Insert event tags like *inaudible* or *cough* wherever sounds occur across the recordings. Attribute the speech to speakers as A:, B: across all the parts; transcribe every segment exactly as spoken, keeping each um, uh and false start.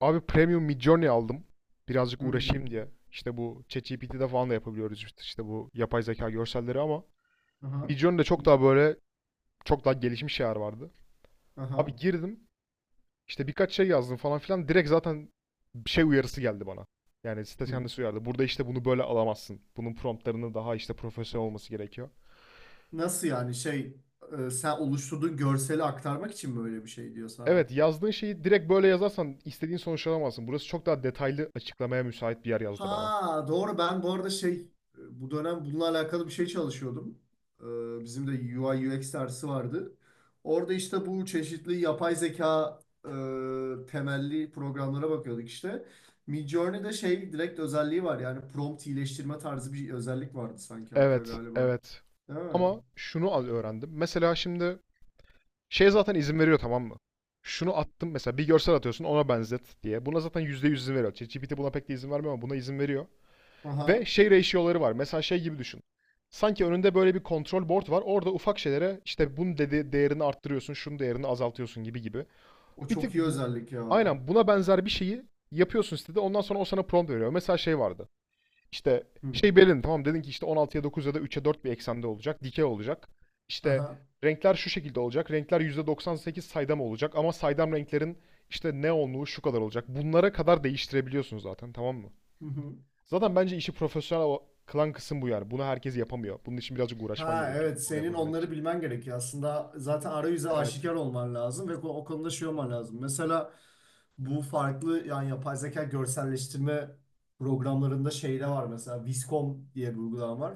A: Abi Premium Midjourney aldım. Birazcık
B: Hı hı.
A: uğraşayım diye. İşte bu ChatGPT'de falan da yapabiliyoruz işte, işte bu yapay zeka görselleri ama
B: Aha.
A: Midjourney'de çok daha böyle çok daha gelişmiş şeyler vardı.
B: Aha.
A: Abi girdim işte birkaç şey yazdım falan filan direkt zaten bir şey uyarısı geldi bana. Yani site
B: Hı.
A: kendisi uyardı. Burada işte bunu böyle alamazsın. Bunun promptlarını daha işte profesyonel olması gerekiyor.
B: Nasıl yani şey e, sen oluşturduğun görseli aktarmak için mi öyle bir şey diyor sana?
A: Evet, yazdığın şeyi direkt böyle yazarsan istediğin sonuç alamazsın. Burası çok daha detaylı açıklamaya müsait bir yer yazdı bana.
B: Ha doğru, ben bu arada şey, e, bu dönem bununla alakalı bir şey çalışıyordum. E, bizim de U I U X dersi vardı. Orada işte bu çeşitli yapay zeka e, temelli programlara bakıyorduk işte. Midjourney'de şey direkt özelliği var, yani prompt iyileştirme tarzı bir özellik vardı sanki hatta
A: Evet,
B: galiba.
A: evet.
B: Değil mi?
A: Ama şunu al öğrendim. Mesela şimdi şey zaten izin veriyor, tamam mı? Şunu attım mesela, bir görsel atıyorsun ona benzet diye. Buna zaten yüzde yüz izin veriyor. ChatGPT buna pek de izin vermiyor ama buna izin veriyor.
B: Aha.
A: Ve şey ratio'ları var. Mesela şey gibi düşün. Sanki önünde böyle bir kontrol board var. Orada ufak şeylere işte bunun dedi değerini arttırıyorsun, şunun değerini azaltıyorsun gibi gibi.
B: O
A: Bir tık
B: çok iyi
A: bu
B: özellik ya.
A: aynen buna benzer bir şeyi yapıyorsun sitede. Ondan sonra o sana prompt veriyor. Mesela şey vardı. İşte
B: Hı.
A: şey belirledin, tamam dedin ki işte on altıya dokuz ya da üçe dört bir eksende olacak. Dikey olacak. İşte
B: Aha.
A: renkler şu şekilde olacak. Renkler yüzde doksan sekiz saydam olacak ama saydam renklerin işte neonluğu şu kadar olacak. Bunlara kadar değiştirebiliyorsun zaten, tamam mı?
B: Hı hı.
A: Zaten bence işi profesyonel kılan kısım bu yani. Bunu herkes yapamıyor. Bunun için birazcık uğraşman
B: Ha
A: gerekiyor.
B: evet,
A: Doğru
B: senin
A: yapabilmek
B: onları
A: için.
B: bilmen gerekiyor. Aslında zaten arayüze
A: Evet.
B: aşikar olman lazım ve ko- o konuda şey olman lazım. Mesela bu farklı yani yapay zeka görselleştirme programlarında şey de var, mesela Viscom diye bir uygulama var.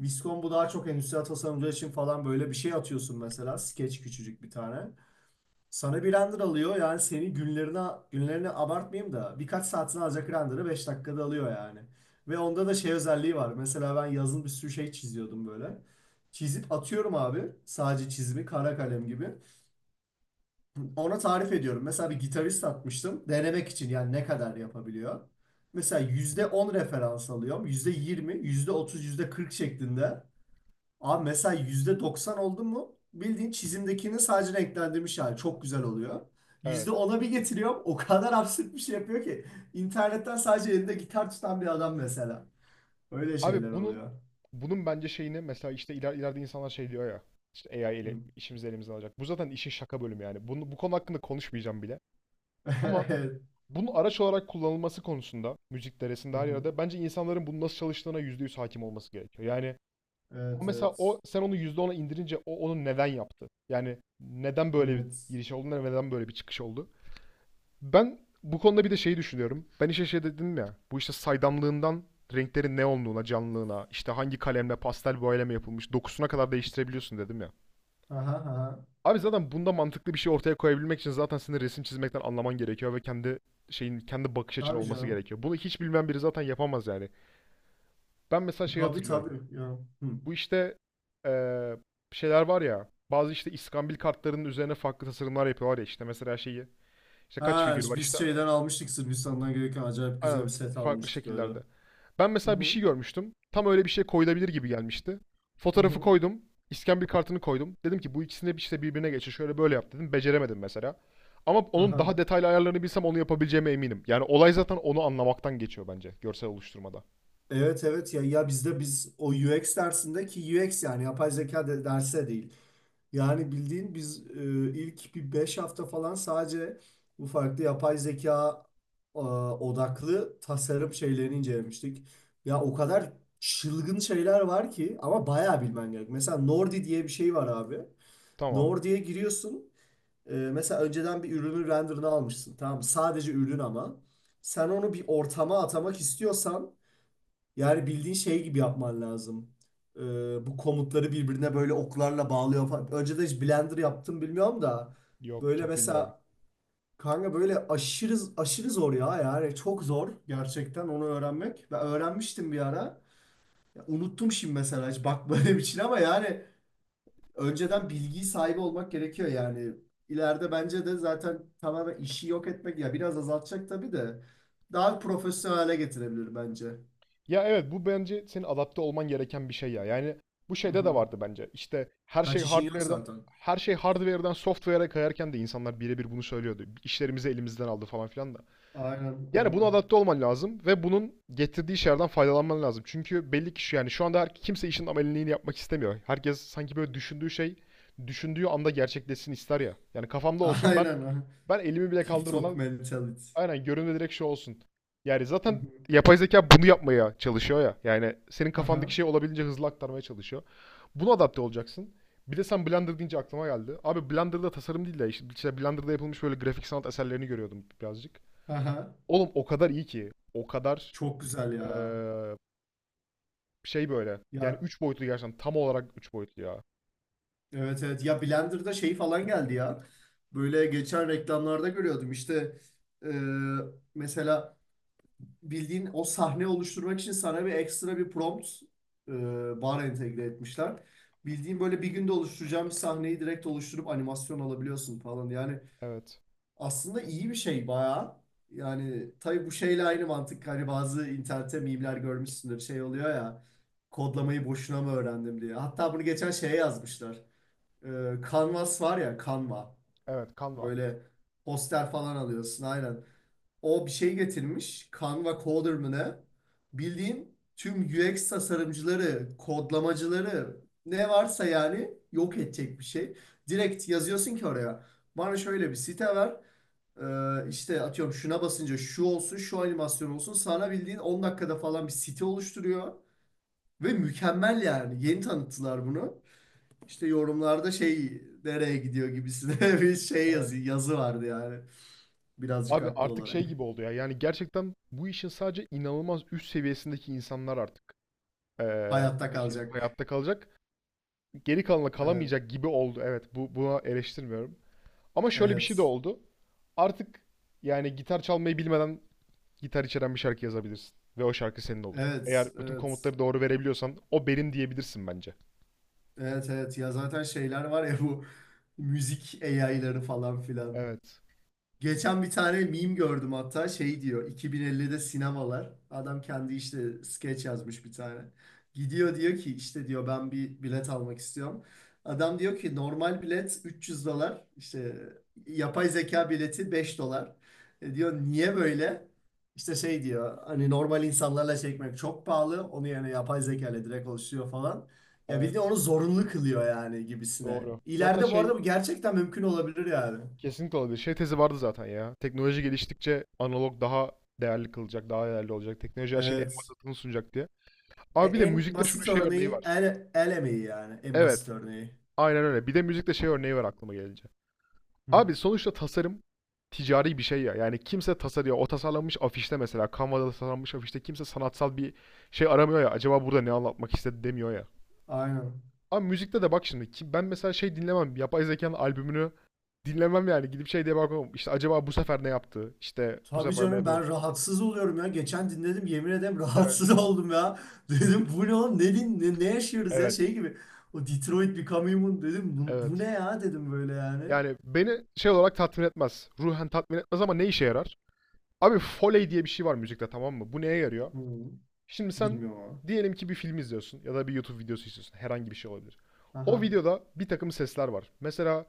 B: Viscom, bu daha çok endüstriyel tasarımcı için falan, böyle bir şey atıyorsun mesela. Sketch, küçücük bir tane. Sana bir render alıyor, yani senin günlerine günlerini abartmayayım da birkaç saatini alacak render'ı beş dakikada alıyor yani. Ve onda da şey özelliği var. Mesela ben yazın bir sürü şey çiziyordum böyle. Çizip atıyorum abi, sadece çizimi kara kalem gibi. Ona tarif ediyorum. Mesela bir gitarist atmıştım denemek için, yani ne kadar yapabiliyor. Mesela yüzde on referans alıyorum. Yüzde yirmi, yüzde otuz, yüzde kırk şeklinde. Abi mesela yüzde doksan oldu mu bildiğin çizimdekini sadece renklendirmiş hali, çok güzel oluyor. yüzde
A: Evet.
B: ona bir getiriyor, o kadar absürt bir şey yapıyor ki. İnternetten sadece elinde gitar tutan bir adam mesela. Öyle şeyler
A: Abi bunun
B: oluyor.
A: bunun bence şeyini mesela işte iler, ileride insanlar şey diyor ya, işte A I ile
B: Hı.
A: işimizi elimizden alacak. Bu zaten işin şaka bölümü yani. Bunu, bu konu hakkında konuşmayacağım bile. Ama
B: *laughs* Evet.
A: bunun araç olarak kullanılması konusunda müzik
B: Hı
A: deresinde her
B: hı.
A: yerde bence insanların bunun nasıl çalıştığına yüzde yüz hakim olması gerekiyor. Yani
B: Evet
A: mesela
B: evet.
A: o, sen onu yüzde ona indirince o onu neden yaptı? Yani neden böyle bir
B: Evet.
A: giriş oldu, neden böyle bir çıkış oldu? Ben bu konuda bir de şeyi düşünüyorum. Ben işe şey dedim ya, bu işte saydamlığından renklerin neonluğuna, canlılığına, işte hangi kalemle pastel boyayla mı yapılmış, dokusuna kadar değiştirebiliyorsun dedim ya.
B: Aha, aha.
A: Abi zaten bunda mantıklı bir şey ortaya koyabilmek için zaten senin resim çizmekten anlaman gerekiyor ve kendi şeyin, kendi bakış açın
B: Tabii
A: olması
B: canım.
A: gerekiyor. Bunu hiç bilmeyen biri zaten yapamaz yani. Ben mesela şeyi
B: Tabii
A: hatırlıyorum.
B: tabii. Ya. Hı.
A: Bu işte eee, şeyler var ya. Bazı işte iskambil kartlarının üzerine farklı tasarımlar yapıyorlar ya, işte mesela şeyi. İşte kaç
B: Ha,
A: figür var işte,
B: biz şeyden almıştık, Sırbistan'dan gelirken acayip güzel
A: aynen,
B: bir set
A: farklı
B: almıştık öyle.
A: şekillerde. Ben
B: Hı
A: mesela bir
B: hı.
A: şey görmüştüm. Tam öyle bir şey koyulabilir gibi gelmişti.
B: Hı
A: Fotoğrafı
B: hı.
A: koydum. İskambil kartını koydum. Dedim ki bu ikisini de işte birbirine geçir. Şöyle böyle yap dedim. Beceremedim mesela. Ama onun
B: Aha.
A: daha detaylı ayarlarını bilsem onu yapabileceğime eminim. Yani olay zaten onu anlamaktan geçiyor bence görsel oluşturmada.
B: Evet evet, ya ya bizde biz o U X dersindeki U X, yani yapay zeka de, derse değil. Yani bildiğin biz e, ilk bir beş hafta falan sadece bu farklı yapay zeka e, odaklı tasarım şeylerini incelemiştik. Ya o kadar çılgın şeyler var ki, ama bayağı bilmen gerek. Mesela Nordi diye bir şey var abi.
A: Tamam.
B: Nordi'ye giriyorsun. Ee, mesela önceden bir ürünün renderını almışsın. Tamam mı? Sadece ürün ama. Sen onu bir ortama atamak istiyorsan yani bildiğin şey gibi yapman lazım. Ee, Bu komutları birbirine böyle oklarla bağlıyor falan. Önceden hiç Blender yaptım bilmiyorum da.
A: Yok,
B: Böyle
A: çok bilmiyorum.
B: mesela kanka, böyle aşırı aşırı zor ya, yani çok zor gerçekten onu öğrenmek. Ben öğrenmiştim bir ara. Ya unuttum şimdi mesela, hiç bakmadığım için, ama yani önceden bilgiyi sahibi olmak gerekiyor yani. İleride bence de zaten tamamen işi yok etmek, ya, biraz azaltacak tabii de daha profesyonel hale getirebilir bence.
A: Ya evet, bu bence senin adapte olman gereken bir şey ya. Yani bu
B: Hı
A: şeyde de
B: hı.
A: vardı bence. İşte her şey
B: Kaç işin yok
A: hardware'dan
B: zaten.
A: her şey hardware'dan software'a kayarken de insanlar birebir bunu söylüyordu. İşlerimizi elimizden aldı falan filan da.
B: Aynen,
A: Yani buna
B: aynen.
A: adapte olman lazım ve bunun getirdiği şeylerden faydalanman lazım. Çünkü belli ki şu, yani şu anda her, kimse işin ameliyini yapmak istemiyor. Herkes sanki böyle düşündüğü şey düşündüğü anda gerçekleşsin ister ya. Yani
B: *laughs*
A: kafamda olsun, ben
B: Aynen. Aynen.
A: ben elimi bile
B: TikTok
A: kaldırmadan
B: mentality.
A: aynen görünme, direkt şu olsun. Yani
B: Hı
A: zaten
B: hı.
A: yapay zeka bunu yapmaya çalışıyor ya. Yani senin kafandaki
B: Aha,
A: şeyi olabildiğince hızlı aktarmaya çalışıyor. Buna adapte olacaksın. Bir de sen Blender deyince aklıma geldi. Abi Blender'da tasarım değil de işte işte Blender'da yapılmış böyle grafik sanat eserlerini görüyordum birazcık.
B: aha.
A: Oğlum o kadar iyi ki. O kadar
B: Çok güzel ya.
A: eee, şey böyle. Yani
B: Ya
A: üç boyutlu gerçekten. Tam olarak üç boyutlu ya.
B: evet evet. Ya Blender'da şey falan geldi ya. Böyle geçen reklamlarda görüyordum. İşte e, mesela bildiğin o sahne oluşturmak için sana bir ekstra bir prompt e, bar entegre etmişler. Bildiğin böyle bir günde oluşturacağım bir sahneyi direkt oluşturup animasyon alabiliyorsun falan. Yani
A: Evet.
B: aslında iyi bir şey bayağı. Yani tabii bu şeyle aynı mantık. Hani bazı internette mimler görmüşsündür. Şey oluyor ya. Kodlamayı boşuna mı öğrendim diye. Hatta bunu geçen şeye yazmışlar. Ee, Canvas var ya, Canva.
A: Evet, Canva.
B: Böyle poster falan alıyorsun aynen. O bir şey getirmiş. Canva Coder mı ne? Bildiğin tüm U X tasarımcıları, kodlamacıları, ne varsa yani yok edecek bir şey. Direkt yazıyorsun ki oraya. Bana şöyle bir site ver. Ee, işte atıyorum, şuna basınca şu olsun, şu animasyon olsun. Sana bildiğin on dakikada falan bir site oluşturuyor. Ve mükemmel yani. Yeni tanıttılar bunu. İşte yorumlarda şey nereye gidiyor gibisine, *laughs* bir şey
A: Evet.
B: yazı, yazı vardı yani. Birazcık
A: Abi
B: haklı
A: artık
B: olarak.
A: şey gibi oldu ya. Yani gerçekten bu işin sadece inanılmaz üst seviyesindeki insanlar artık eee,
B: Hayatta
A: bu işi
B: kalacak.
A: hayatta kalacak. Geri kalanla
B: Evet,
A: kalamayacak gibi oldu. Evet, bu, buna eleştirmiyorum. Ama şöyle bir şey de
B: evet,
A: oldu. Artık yani gitar çalmayı bilmeden gitar içeren bir şarkı yazabilirsin. Ve o şarkı senin olur. Eğer
B: evet,
A: bütün
B: evet,
A: komutları doğru verebiliyorsan o benim diyebilirsin bence.
B: evet, evet. Ya zaten şeyler var ya, bu müzik A I'ları falan filan.
A: Evet.
B: Geçen bir tane meme gördüm hatta, şey diyor, iki bin ellide sinemalar, adam kendi işte skeç yazmış bir tane. Gidiyor diyor ki, işte diyor, ben bir bilet almak istiyorum. Adam diyor ki, normal bilet üç yüz dolar, işte yapay zeka bileti beş dolar. E diyor, niye böyle? İşte şey diyor, hani normal insanlarla çekmek çok pahalı onu, yani yapay zeka ile direkt oluşuyor falan. Ya bildiğin
A: Evet.
B: onu zorunlu kılıyor yani gibisine.
A: Doğru. Zaten
B: İleride bu arada
A: şey
B: bu gerçekten mümkün olabilir yani.
A: kesinlikle olabilir. Şey tezi vardı zaten ya. Teknoloji geliştikçe analog daha değerli kılacak, daha değerli olacak. Teknoloji her şeyin en
B: Evet.
A: basitini sunacak diye.
B: E,
A: Abi bir de
B: en
A: müzikte şunun
B: basit
A: şey örneği
B: örneği
A: var.
B: el, el emeği yani. En basit
A: Evet.
B: örneği.
A: Aynen öyle. Bir de müzikte şey örneği var aklıma gelince.
B: Hı.
A: Abi sonuçta tasarım ticari bir şey ya. Yani kimse tasarıyor. O tasarlanmış afişte mesela. Canva'da tasarlanmış afişte kimse sanatsal bir şey aramıyor ya. Acaba burada ne anlatmak istedi demiyor ya.
B: Aynen.
A: Ama müzikte de bak şimdi. ki- Ben mesela şey dinlemem. Yapay zekanın albümünü dinlemem yani. Gidip şey diye bakmam. İşte acaba bu sefer ne yaptı? İşte bu
B: Tabii
A: sefer ne
B: canım,
A: yapıyor?
B: ben rahatsız oluyorum ya. Geçen dinledim yemin ederim, *laughs*
A: Evet,
B: rahatsız oldum ya. Dedim bu ne oğlum, ne, din- ne, ne yaşıyoruz ya,
A: evet,
B: şey gibi. O Detroit Become Human dedim, bu, bu ne
A: evet.
B: ya dedim böyle yani.
A: Yani beni şey olarak tatmin etmez. Ruhen tatmin etmez ama ne işe yarar? Abi Foley diye bir şey var müzikte, tamam mı? Bu neye yarıyor?
B: Hı.
A: Şimdi sen
B: Bilmiyorum ama.
A: diyelim ki bir film izliyorsun ya da bir YouTube videosu izliyorsun. Herhangi bir şey olabilir. O
B: Aha.
A: videoda bir takım sesler var. Mesela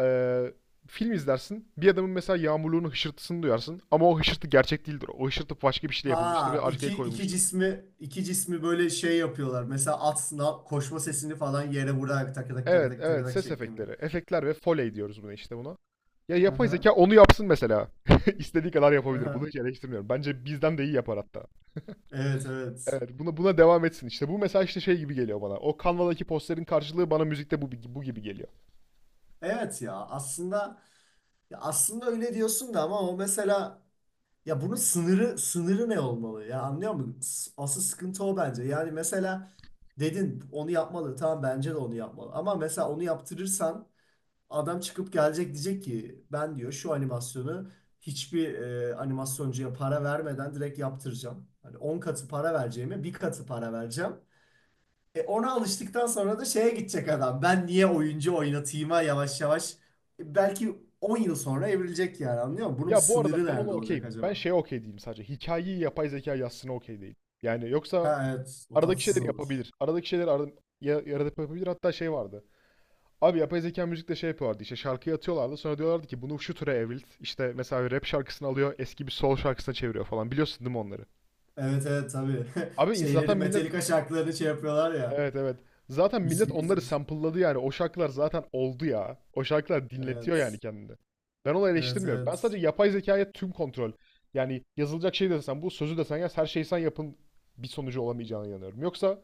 A: eee, film izlersin. Bir adamın mesela yağmurluğunun hışırtısını duyarsın. Ama o hışırtı gerçek değildir. O hışırtı başka bir şeyle yapılmıştır ve
B: Ha,
A: arkaya
B: iki, iki
A: koyulmuştur.
B: cismi iki cismi böyle şey yapıyorlar. Mesela at sınav koşma sesini falan yere vurarak, tak tak tak
A: Evet,
B: tak tak
A: evet.
B: tak
A: Ses
B: şeklinde.
A: efektleri. Efektler ve Foley diyoruz buna, işte buna. Ya yapay
B: Aha.
A: zeka onu yapsın mesela. *laughs* İstediği kadar yapabilir. Bunu
B: Aha.
A: hiç eleştirmiyorum. Bence bizden de iyi yapar hatta.
B: Evet evet.
A: Evet, buna buna devam etsin. İşte bu mesela işte şey gibi geliyor bana. O Canva'daki posterin karşılığı bana müzikte bu bu gibi geliyor.
B: Evet ya aslında, ya aslında öyle diyorsun da, ama o mesela, ya bunun sınırı sınırı ne olmalı ya, anlıyor musun? S- Asıl sıkıntı o bence. Yani mesela dedin onu yapmalı, tamam, bence de onu yapmalı, ama mesela onu yaptırırsan adam çıkıp gelecek, diyecek ki, ben diyor şu animasyonu hiçbir e, animasyoncuya para vermeden direkt yaptıracağım. Hani on katı para vereceğime bir katı para vereceğim. E, ona alıştıktan sonra da şeye gidecek adam. Ben niye oyuncu oynatayım'a yavaş yavaş e, belki on yıl sonra evrilecek, yani anlıyor musun? Bunun bir
A: Ya bu
B: sınırı
A: arada ben ona
B: nerede olacak
A: okeyim. Ben
B: acaba?
A: şeye okey değilim sadece. Hikayeyi yapay zeka yazsına okey değil. Yani yoksa
B: Ha evet, o
A: aradaki
B: tatsız
A: şeyleri
B: olur.
A: yapabilir. Aradaki şeyleri arada, ya, yaradip yapabilir. Hatta şey vardı. Abi yapay zeka müzikte şey yapıyorlardı, işte şarkıyı atıyorlardı sonra diyorlardı ki bunu şu türe evrilt. İşte mesela bir rap şarkısını alıyor, eski bir soul şarkısına çeviriyor falan, biliyorsun değil mi onları?
B: Evet evet tabii. *laughs*
A: Abi insan-
B: Şeyleri,
A: zaten millet
B: Metallica şarkılarını şey yapıyorlar ya.
A: evet, evet, zaten millet
B: Müslüm
A: onları
B: Gürses.
A: sample'ladı yani, o şarkılar zaten oldu ya. O şarkılar dinletiyor yani
B: Evet.
A: kendini. Ben onu
B: Evet
A: eleştirmiyorum. Ben
B: evet.
A: sadece yapay zekaya tüm kontrol, yani yazılacak şey desen, bu sözü desen yaz, her şeyi sen yapın bir sonucu olamayacağına inanıyorum. Yoksa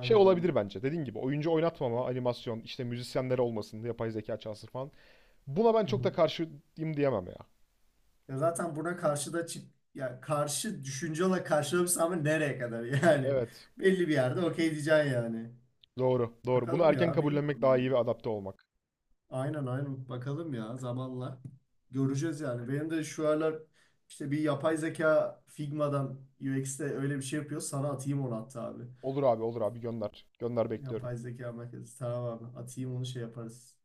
A: şey olabilir bence, dediğim gibi oyuncu oynatmama, animasyon, işte müzisyenler olmasın yapay zeka çalsın falan. Buna ben
B: Hı
A: çok da
B: hı.
A: karşıyım diyemem ya.
B: Ya zaten buna karşı da çık, ya karşı düşünce olarak karşılamışsın, ama nereye kadar yani?
A: Evet.
B: *laughs* Belli bir yerde okey diyeceksin yani.
A: Doğru. Doğru. Bunu
B: Bakalım
A: erken
B: ya,
A: kabullenmek daha iyi ve
B: bilmiyorum.
A: adapte olmak.
B: Aynen aynen. Bakalım ya zamanla. Göreceğiz yani. Benim de şu aralar işte bir yapay zeka Figma'dan U X'te öyle bir şey yapıyor. Sana atayım onu hatta abi.
A: Olur abi, olur abi. Gönder. Gönder bekliyorum.
B: Yapay zeka merkezi. Tamam abi. Atayım onu şey yaparız.